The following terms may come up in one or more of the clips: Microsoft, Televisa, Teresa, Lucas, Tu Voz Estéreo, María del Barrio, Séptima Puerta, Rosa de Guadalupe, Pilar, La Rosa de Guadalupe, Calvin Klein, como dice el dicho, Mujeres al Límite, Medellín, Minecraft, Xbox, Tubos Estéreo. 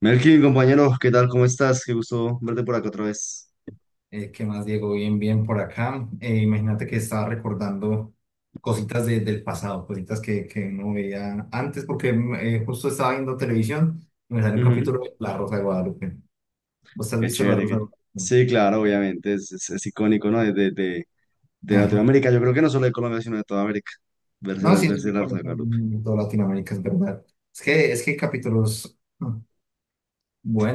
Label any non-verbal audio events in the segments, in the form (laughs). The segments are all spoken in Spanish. Melkin, compañero, ¿qué tal? ¿Cómo estás? Qué gusto verte por acá otra vez. ¿Qué más, Diego? Bien, bien por acá. Imagínate que estaba recordando cositas del pasado, cositas que no veía antes, porque justo estaba viendo televisión y me salió un Ujú. capítulo de La Rosa de Guadalupe. ¿Vos has Qué visto La chévere. Rosa de Guadalupe? Sí, claro, obviamente, es icónico, ¿no? De Ajá. Latinoamérica, yo creo que no solo de Colombia, sino de toda América. No, sí, es Verse muy la Rosa de conocido Guadalupe. en toda Latinoamérica, es verdad. Es que hay capítulos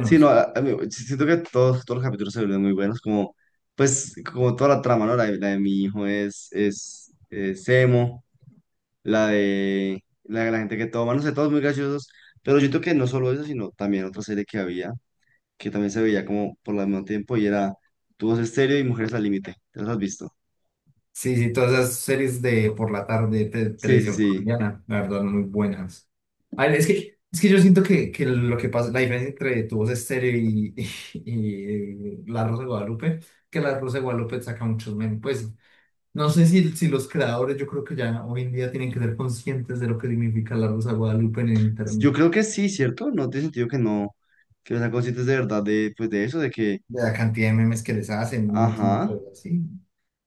Sí, no, a mí- si, siento que todos los capítulos se vuelven muy buenos, como, pues, como toda la trama, ¿no? La de mi hijo es emo, la de la gente que toma, no sé, todos muy graciosos, pero yo creo que no solo eso, sino también otra serie que había, que también se veía como por el mismo tiempo y era Tubos Estéreo y Mujeres al Límite. ¿Te las has visto? Sí, sí, todas esas series de por la tarde de Sí, sí, televisión sí. colombiana, la verdad, muy buenas. A ver, es que yo siento que lo que pasa, la diferencia entre Tu Voz Estéreo y, (laughs) y La Rosa de Guadalupe, que La Rosa de Guadalupe saca muchos memes. Pues no sé si los creadores, yo creo que ya hoy en día tienen que ser conscientes de lo que significa La Rosa de Guadalupe en el internet, Yo creo que sí, ¿cierto? No tiene sentido que no sean conscientes de verdad de, pues, de eso, de que, de la cantidad de memes que les hacen, un montón de ajá, cosas, sí.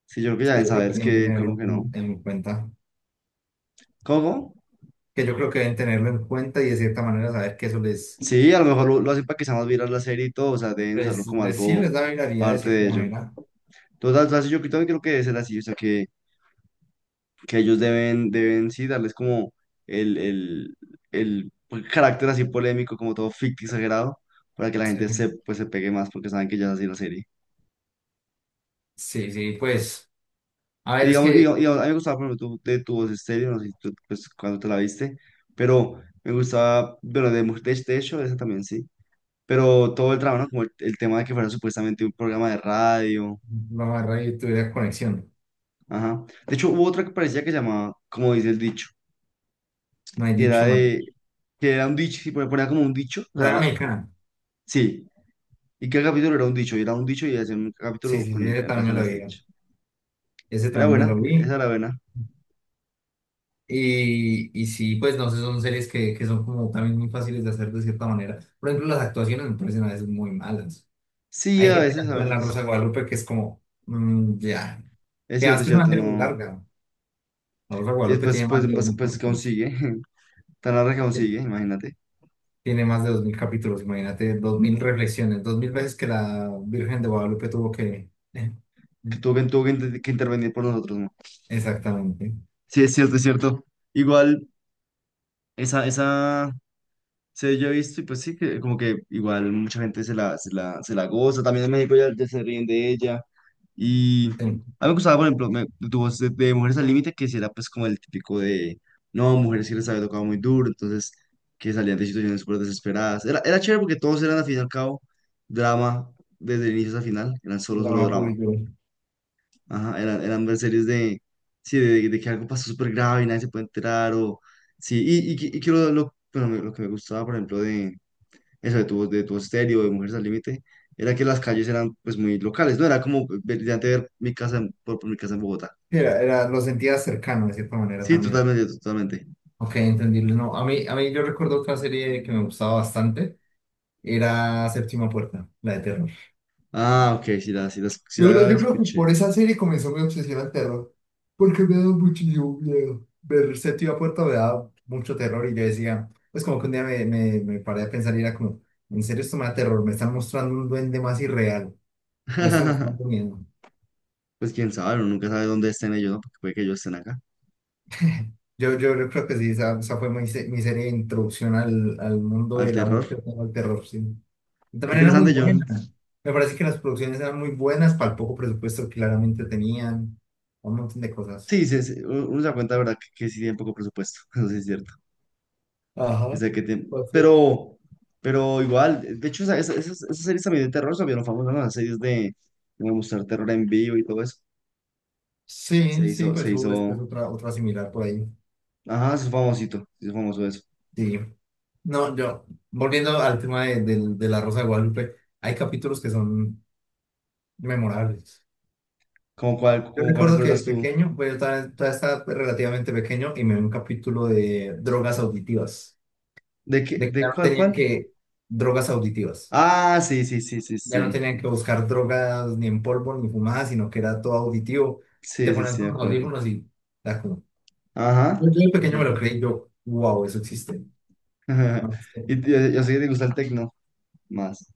sí, yo creo que ya Yo deben creo saber que es tienen que que, como tenerlo que no. en cuenta, ¿Cómo? que yo creo que deben tenerlo en cuenta y de cierta manera saber que eso les Sí, a lo mejor lo hacen para que sea más viral la serie y todo, o sea, deben usarlo como sí, algo les da viralidad de parte cierta de ello. manera. Entonces, o sea, yo también creo que debe ser así, o sea, que ellos deben sí, darles como el, el, el carácter así polémico, como todo ficticio exagerado, para que la Sí, gente se, pues, se pegue más porque saben que ya es así la serie. sí, sí, pues, a Y ver, es digamos, y que a mí me gustaba, por ejemplo, tu voz estéreo, no sé si tú, pues, cuando te la viste, pero me gustaba, bueno, de Mujer de hecho, esa también sí, pero todo el drama, ¿no? Como el tema de que fuera supuestamente un programa de radio, la barra de tuviera conexión, ajá. De hecho, hubo otra que parecía que llamaba, como dice el dicho, no he que era dicho mal. de, que era un dicho, y ponía como un dicho, o Pero sea, era mexicana. sí. ¿Y qué capítulo era un dicho? Y era un dicho y hacía un Sí, capítulo sí, sí, con, ese en también relación a me lo ese vi. dicho. Ese Era también buena, me lo esa vi. era buena. Y sí, pues no sé, son series que son como también muy fáciles de hacer de cierta manera. Por ejemplo, las actuaciones me parecen a veces muy malas. Sí, Hay a gente que veces, a actúa en La Rosa de veces. Guadalupe que es como, ya. Que además Es que es una cierto, serie muy no. larga. La Rosa de Y Guadalupe después, tiene pues, más de dos pues, mil pues capítulos. consigue. (laughs) Tan larga que consigue, imagínate. Tiene más de 2000 capítulos, imagínate, 2000 reflexiones, 2000 veces que la Virgen de Guadalupe tuvo que... (laughs) Que tuvo que intervenir por nosotros, ¿no? Exactamente. Sí, es cierto, es cierto. Igual, esa, se yo he visto y pues sí, que como que igual mucha gente se la goza. También en México ya, ya se ríen de ella. Y Sí, a mí me gustaba, por ejemplo, tu voz de Mujeres al Límite, que si era pues como el típico de, no, mujeres que les había tocado muy duro, entonces que salían de situaciones súper desesperadas. Era chévere porque todos eran al fin y al cabo drama, desde el inicio hasta el final, eran solo drama puro drama. y duro. Ajá, eran ver series de, sí, de que algo pasó súper grave y nadie se puede enterar, o sí, y que bueno, lo que me gustaba, por ejemplo, de, eso de tu estéreo, de Mujeres al Límite, era que las calles eran pues muy locales, ¿no? Era como brillante ver mi casa, por mi casa en Bogotá. Sí, era, lo sentía cercano de cierta manera Sí, también. totalmente, totalmente. Ok, entendible. No, a mí yo recuerdo otra serie que me gustaba bastante, era Séptima Puerta, la de Terror. Ah, ok, sí Yo creo, la yo creo que por escuché. esa serie comenzó mi obsesión al terror, porque me daba muchísimo miedo. Ver Séptima Puerta me daba mucho terror y yo decía, pues como que un día me paré a pensar y era como, en serio esto me da terror, me están mostrando un duende más irreal y esto me está dando (laughs) miedo. Pues quién sabe, uno nunca sabe dónde estén ellos, ¿no? Porque puede que ellos estén acá, Yo creo que sí, esa fue mi serie de introducción al mundo al del amor terror. que tengo al terror, sí. Y Qué también era muy interesante, John. buena. Me parece que las producciones eran muy buenas para el poco presupuesto que claramente tenían, un montón de cosas. Sí, sí, sí, uno se da cuenta, ¿de verdad? Que sí tienen poco presupuesto, (laughs) eso sí es cierto. Que Ajá. sea que tienen- pero igual, de hecho, esas series también de terror se vieron famosas, ¿no? Las series de mostrar terror en vivo y todo eso. Sí, sí, Se pues hubo después hizo, otra similar por ahí. ajá, se hizo famosito, se hizo famoso eso. Sí. No, yo, volviendo al tema de la Rosa de Guadalupe, hay capítulos que son memorables. Yo Cómo cuál recuerdo que de recuerdas tú? pequeño, pues yo todavía estaba pues, relativamente pequeño y me vi un capítulo de drogas auditivas, ¿De qué, de que ya no tenían cuál? que, drogas auditivas, Ah, sí, sí, sí, sí, ya no sí, tenían que buscar drogas ni en polvo ni fumadas, sino que era todo auditivo. Te sí, sí, ponían sí, de con los acuerdo. audífonos y era como... Yo, Ajá, yo de sí, sí pequeño me me lo acuerdo. creí, yo, wow, eso existe. (laughs) Y yo sé que te gusta el tecno más.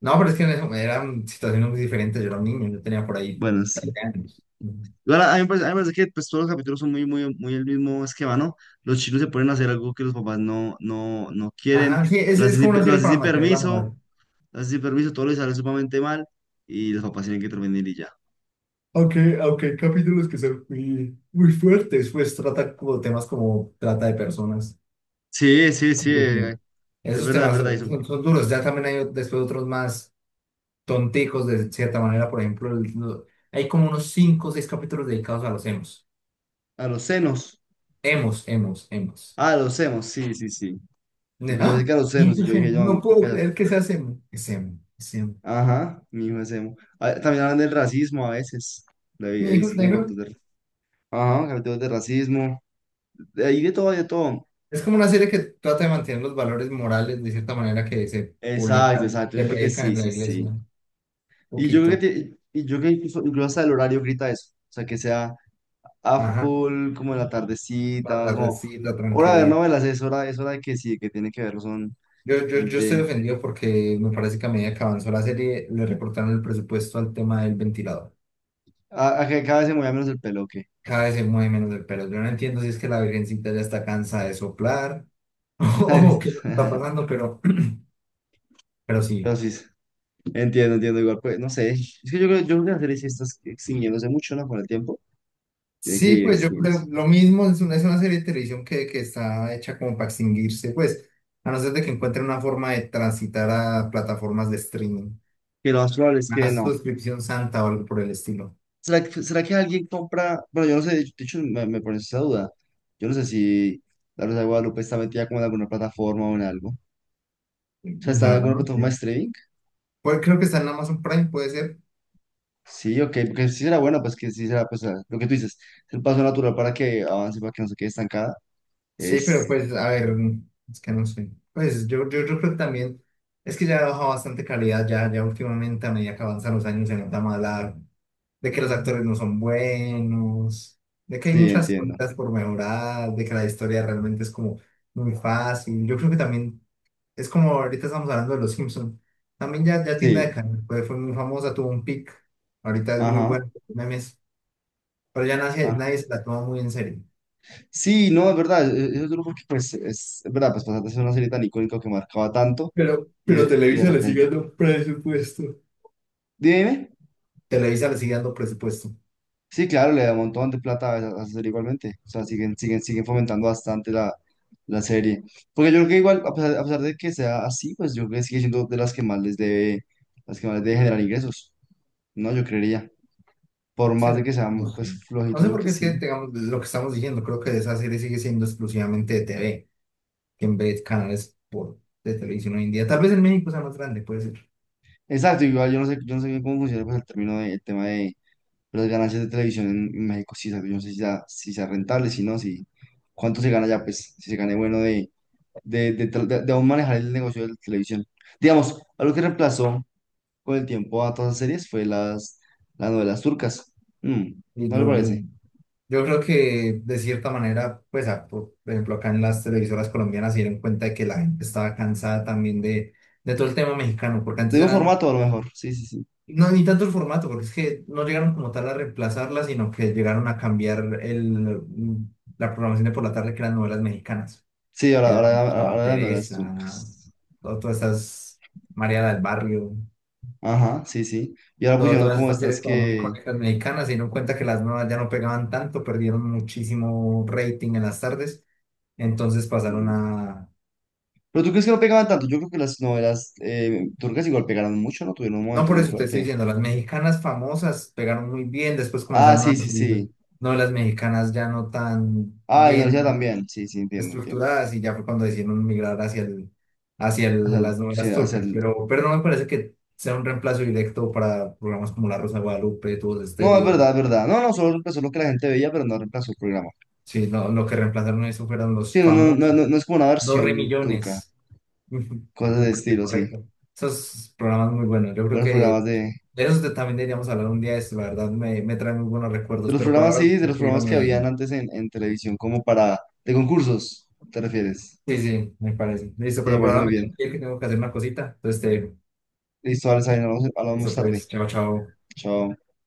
No, pero es que eran situaciones muy diferentes. Yo era un niño, yo tenía por ahí Bueno, trece sí. años. Ujú. Igual a mí me parece, a mí me parece que pues, todos los capítulos son muy, muy, muy el mismo esquema, ¿no? Los chicos se ponen a hacer algo que los papás no quieren, Ajá, sí, es, es como una lo serie hacen para sin mantener la permiso, moral. lo hacen sin permiso, todo les sale sumamente mal y los papás tienen que intervenir y ya. Aunque hay capítulos que son muy, muy fuertes, pues trata como temas como trata de personas, Sí, sí, sí, inclusión. es Esos verdad, es temas verdad. Y son duros. Ya también hay después otros más tonticos de cierta manera. Por ejemplo, hay como unos 5 o 6 capítulos dedicados a los emos. a los senos. Emos, emos, emos. Ah, los senos, sí, sí, sí. Pues yo pensé ¡Ah! que a los Y senos y yo pues dije, emo, yo no no, pero puedo cállate. creer que sea emo. Es emo, es emo. Ajá, mi hijo es emo. Ah, también hablan del racismo a veces. Lo He Mi hijo es visto como negro. capítulos de... Ajá, capítulos de racismo. De ahí de todo, de todo. Es como una serie que trata de mantener los valores morales de cierta manera que se Exacto, publican, exacto. Yo le siento que predican sí, en la sí, iglesia. sí. Un Y yo creo poquito. que, incluso hasta el horario grita eso. O sea, que sea a Ajá. full, como en la tardecita, como... La Hora de ver tranquilidad. novelas, es hora de que sí, que tiene que verlo, son Yo estoy gente... ofendido porque me parece que a medida que avanzó la serie le recortaron el presupuesto al tema del ventilador. A, a que cada vez se mueva menos el pelo, ¿o qué? Cada vez se mueve menos el pelo. Yo no entiendo si es que la virgencita ya está cansada de soplar (laughs) o qué es lo que está (laughs) pasando, (laughs) pero Pero sí. sí, entiendo, entiendo. Igual, pues, no sé. Es que yo creo que la serie sí está extinguiéndose mucho, ¿no? Con el tiempo. Tiene que Sí, ir pues yo creo extinguiéndose. lo mismo, es una serie de televisión que está hecha como para extinguirse, pues, a no ser de que encuentren una forma de transitar a plataformas de streaming, Que lo más probable es una que no. suscripción santa o algo por el estilo. ¿Será, será que alguien compra? Bueno, yo no sé. De hecho, me pones esa duda. Yo no sé si La Rosa de Guadalupe está metida como en alguna plataforma o en algo. O sea, ¿está en La verdad, alguna no plataforma de sé. streaming? Pues creo que está en Amazon Prime, puede ser. Sí, ok. Porque sí será buena, pues que sí será, pues, ah, lo que tú dices. Es el paso natural para que avance, para que no se quede estancada. Sí, pero Es, pues, a ver, es que no sé. Pues yo creo que también, es que ya ha bajado bastante calidad, ya últimamente a medida que avanzan los años se nota más de que los actores no son buenos, de que hay sí, muchas entiendo. cosas por mejorar, de que la historia realmente es como muy fácil. Yo creo que también, es como ahorita estamos hablando de los Simpsons, también ya tienda de Sí. carne, pues fue muy famosa, tuvo un pic, ahorita es muy Ajá. buena, memes, pero ya nadie, Ah. nadie se la toma muy en serio. Sí, no, es verdad, esos grupos que pues, es verdad, pues pasar de ser una serie tan icónica que marcaba tanto Pero, pero y de Televisa le sigue repente, dando presupuesto. dime, Televisa le sigue dando presupuesto. sí, claro, le da un montón de plata a esa serie igualmente, o sea, siguen, siguen, siguen fomentando bastante la serie, porque yo creo que igual, a pesar de que sea así, pues yo creo que sigue siendo de las que más les debe, las que más les debe generar ingresos, ¿no? Yo creería, por más de ¿Será? que No sean, pues, sé. No flojitas, yo sé creo por que qué es que sí. tengamos lo que estamos diciendo. Creo que esa serie sigue siendo exclusivamente de TV, que en vez de canales por, de televisión hoy en día. Tal vez en México sea más grande, puede ser. Exacto, igual yo no sé bien cómo funciona pues el término de, el tema de las ganancias de televisión en México, sí, yo no sé si sea, si sea rentable, si no, si cuánto se gana ya, pues, si se gane bueno de aún manejar el negocio de la televisión. Digamos, algo que reemplazó con el tiempo a todas las series fue las novelas turcas. Mm, Y ¿no le parece? yo creo que de cierta manera, pues, por ejemplo, acá en las televisoras colombianas se dieron cuenta de que la gente estaba cansada también de todo el tema mexicano, porque antes De un eran. formato, a lo mejor, sí, sí, sí. No, ni tanto el formato, porque es que no llegaron como tal a reemplazarla, sino que llegaron a cambiar la programación de por la tarde, que eran novelas mexicanas. Sí, Que eran estaba ahora las novelas Teresa, turcas. Todas estas, María del Barrio, Ajá, sí, sí. Y ahora pusieron todas como estas estas series como muy que... icónicas mexicanas, se dieron cuenta que las nuevas ya no pegaban tanto, perdieron muchísimo rating en las tardes, entonces pasaron sí. a, Pero tú crees que no pegaban tanto. Yo creo que las novelas turcas igual pegaron mucho, ¿no? Tuvieron un no, momento por muy eso te estoy fuerte. diciendo, las mexicanas famosas pegaron muy bien, después Ah, comenzaron a sí, sí, subir sí. novelas mexicanas ya no tan Ah, ignorancia bien también. Sí, sí, entiendo, entiendo. estructuradas y ya fue cuando decidieron migrar hacia O sea, las sí, novelas o sea, turcas, pero no me parece que sea un reemplazo directo para programas como La Rosa de Guadalupe, Tubos de no, es Estéreo, verdad, es verdad. No, no, solo reemplazó lo que la gente veía, pero no reemplazó el programa. sí, no, lo que reemplazaron eso fueron Sí, los famosos, no es como una dos re versión turca. millones, (laughs) Cosas el de premio estilo, sí. correcto, esos programas muy buenos, yo creo Buenos que programas de... de eso también deberíamos hablar un día, es, la verdad me trae muy buenos De recuerdos, los pero por programas, ahora me sí, de tengo los que ir a programas que habían Medellín. antes en televisión, como para... De concursos, ¿te refieres? Sí, sí, me parece. Listo, Sí, me pero por parece ahora muy me tengo bien. que ir, que tengo que hacer una cosita. Entonces, Listo, Alex, ahí nos hablamos eso más tarde. pues, chao, chao. Chao.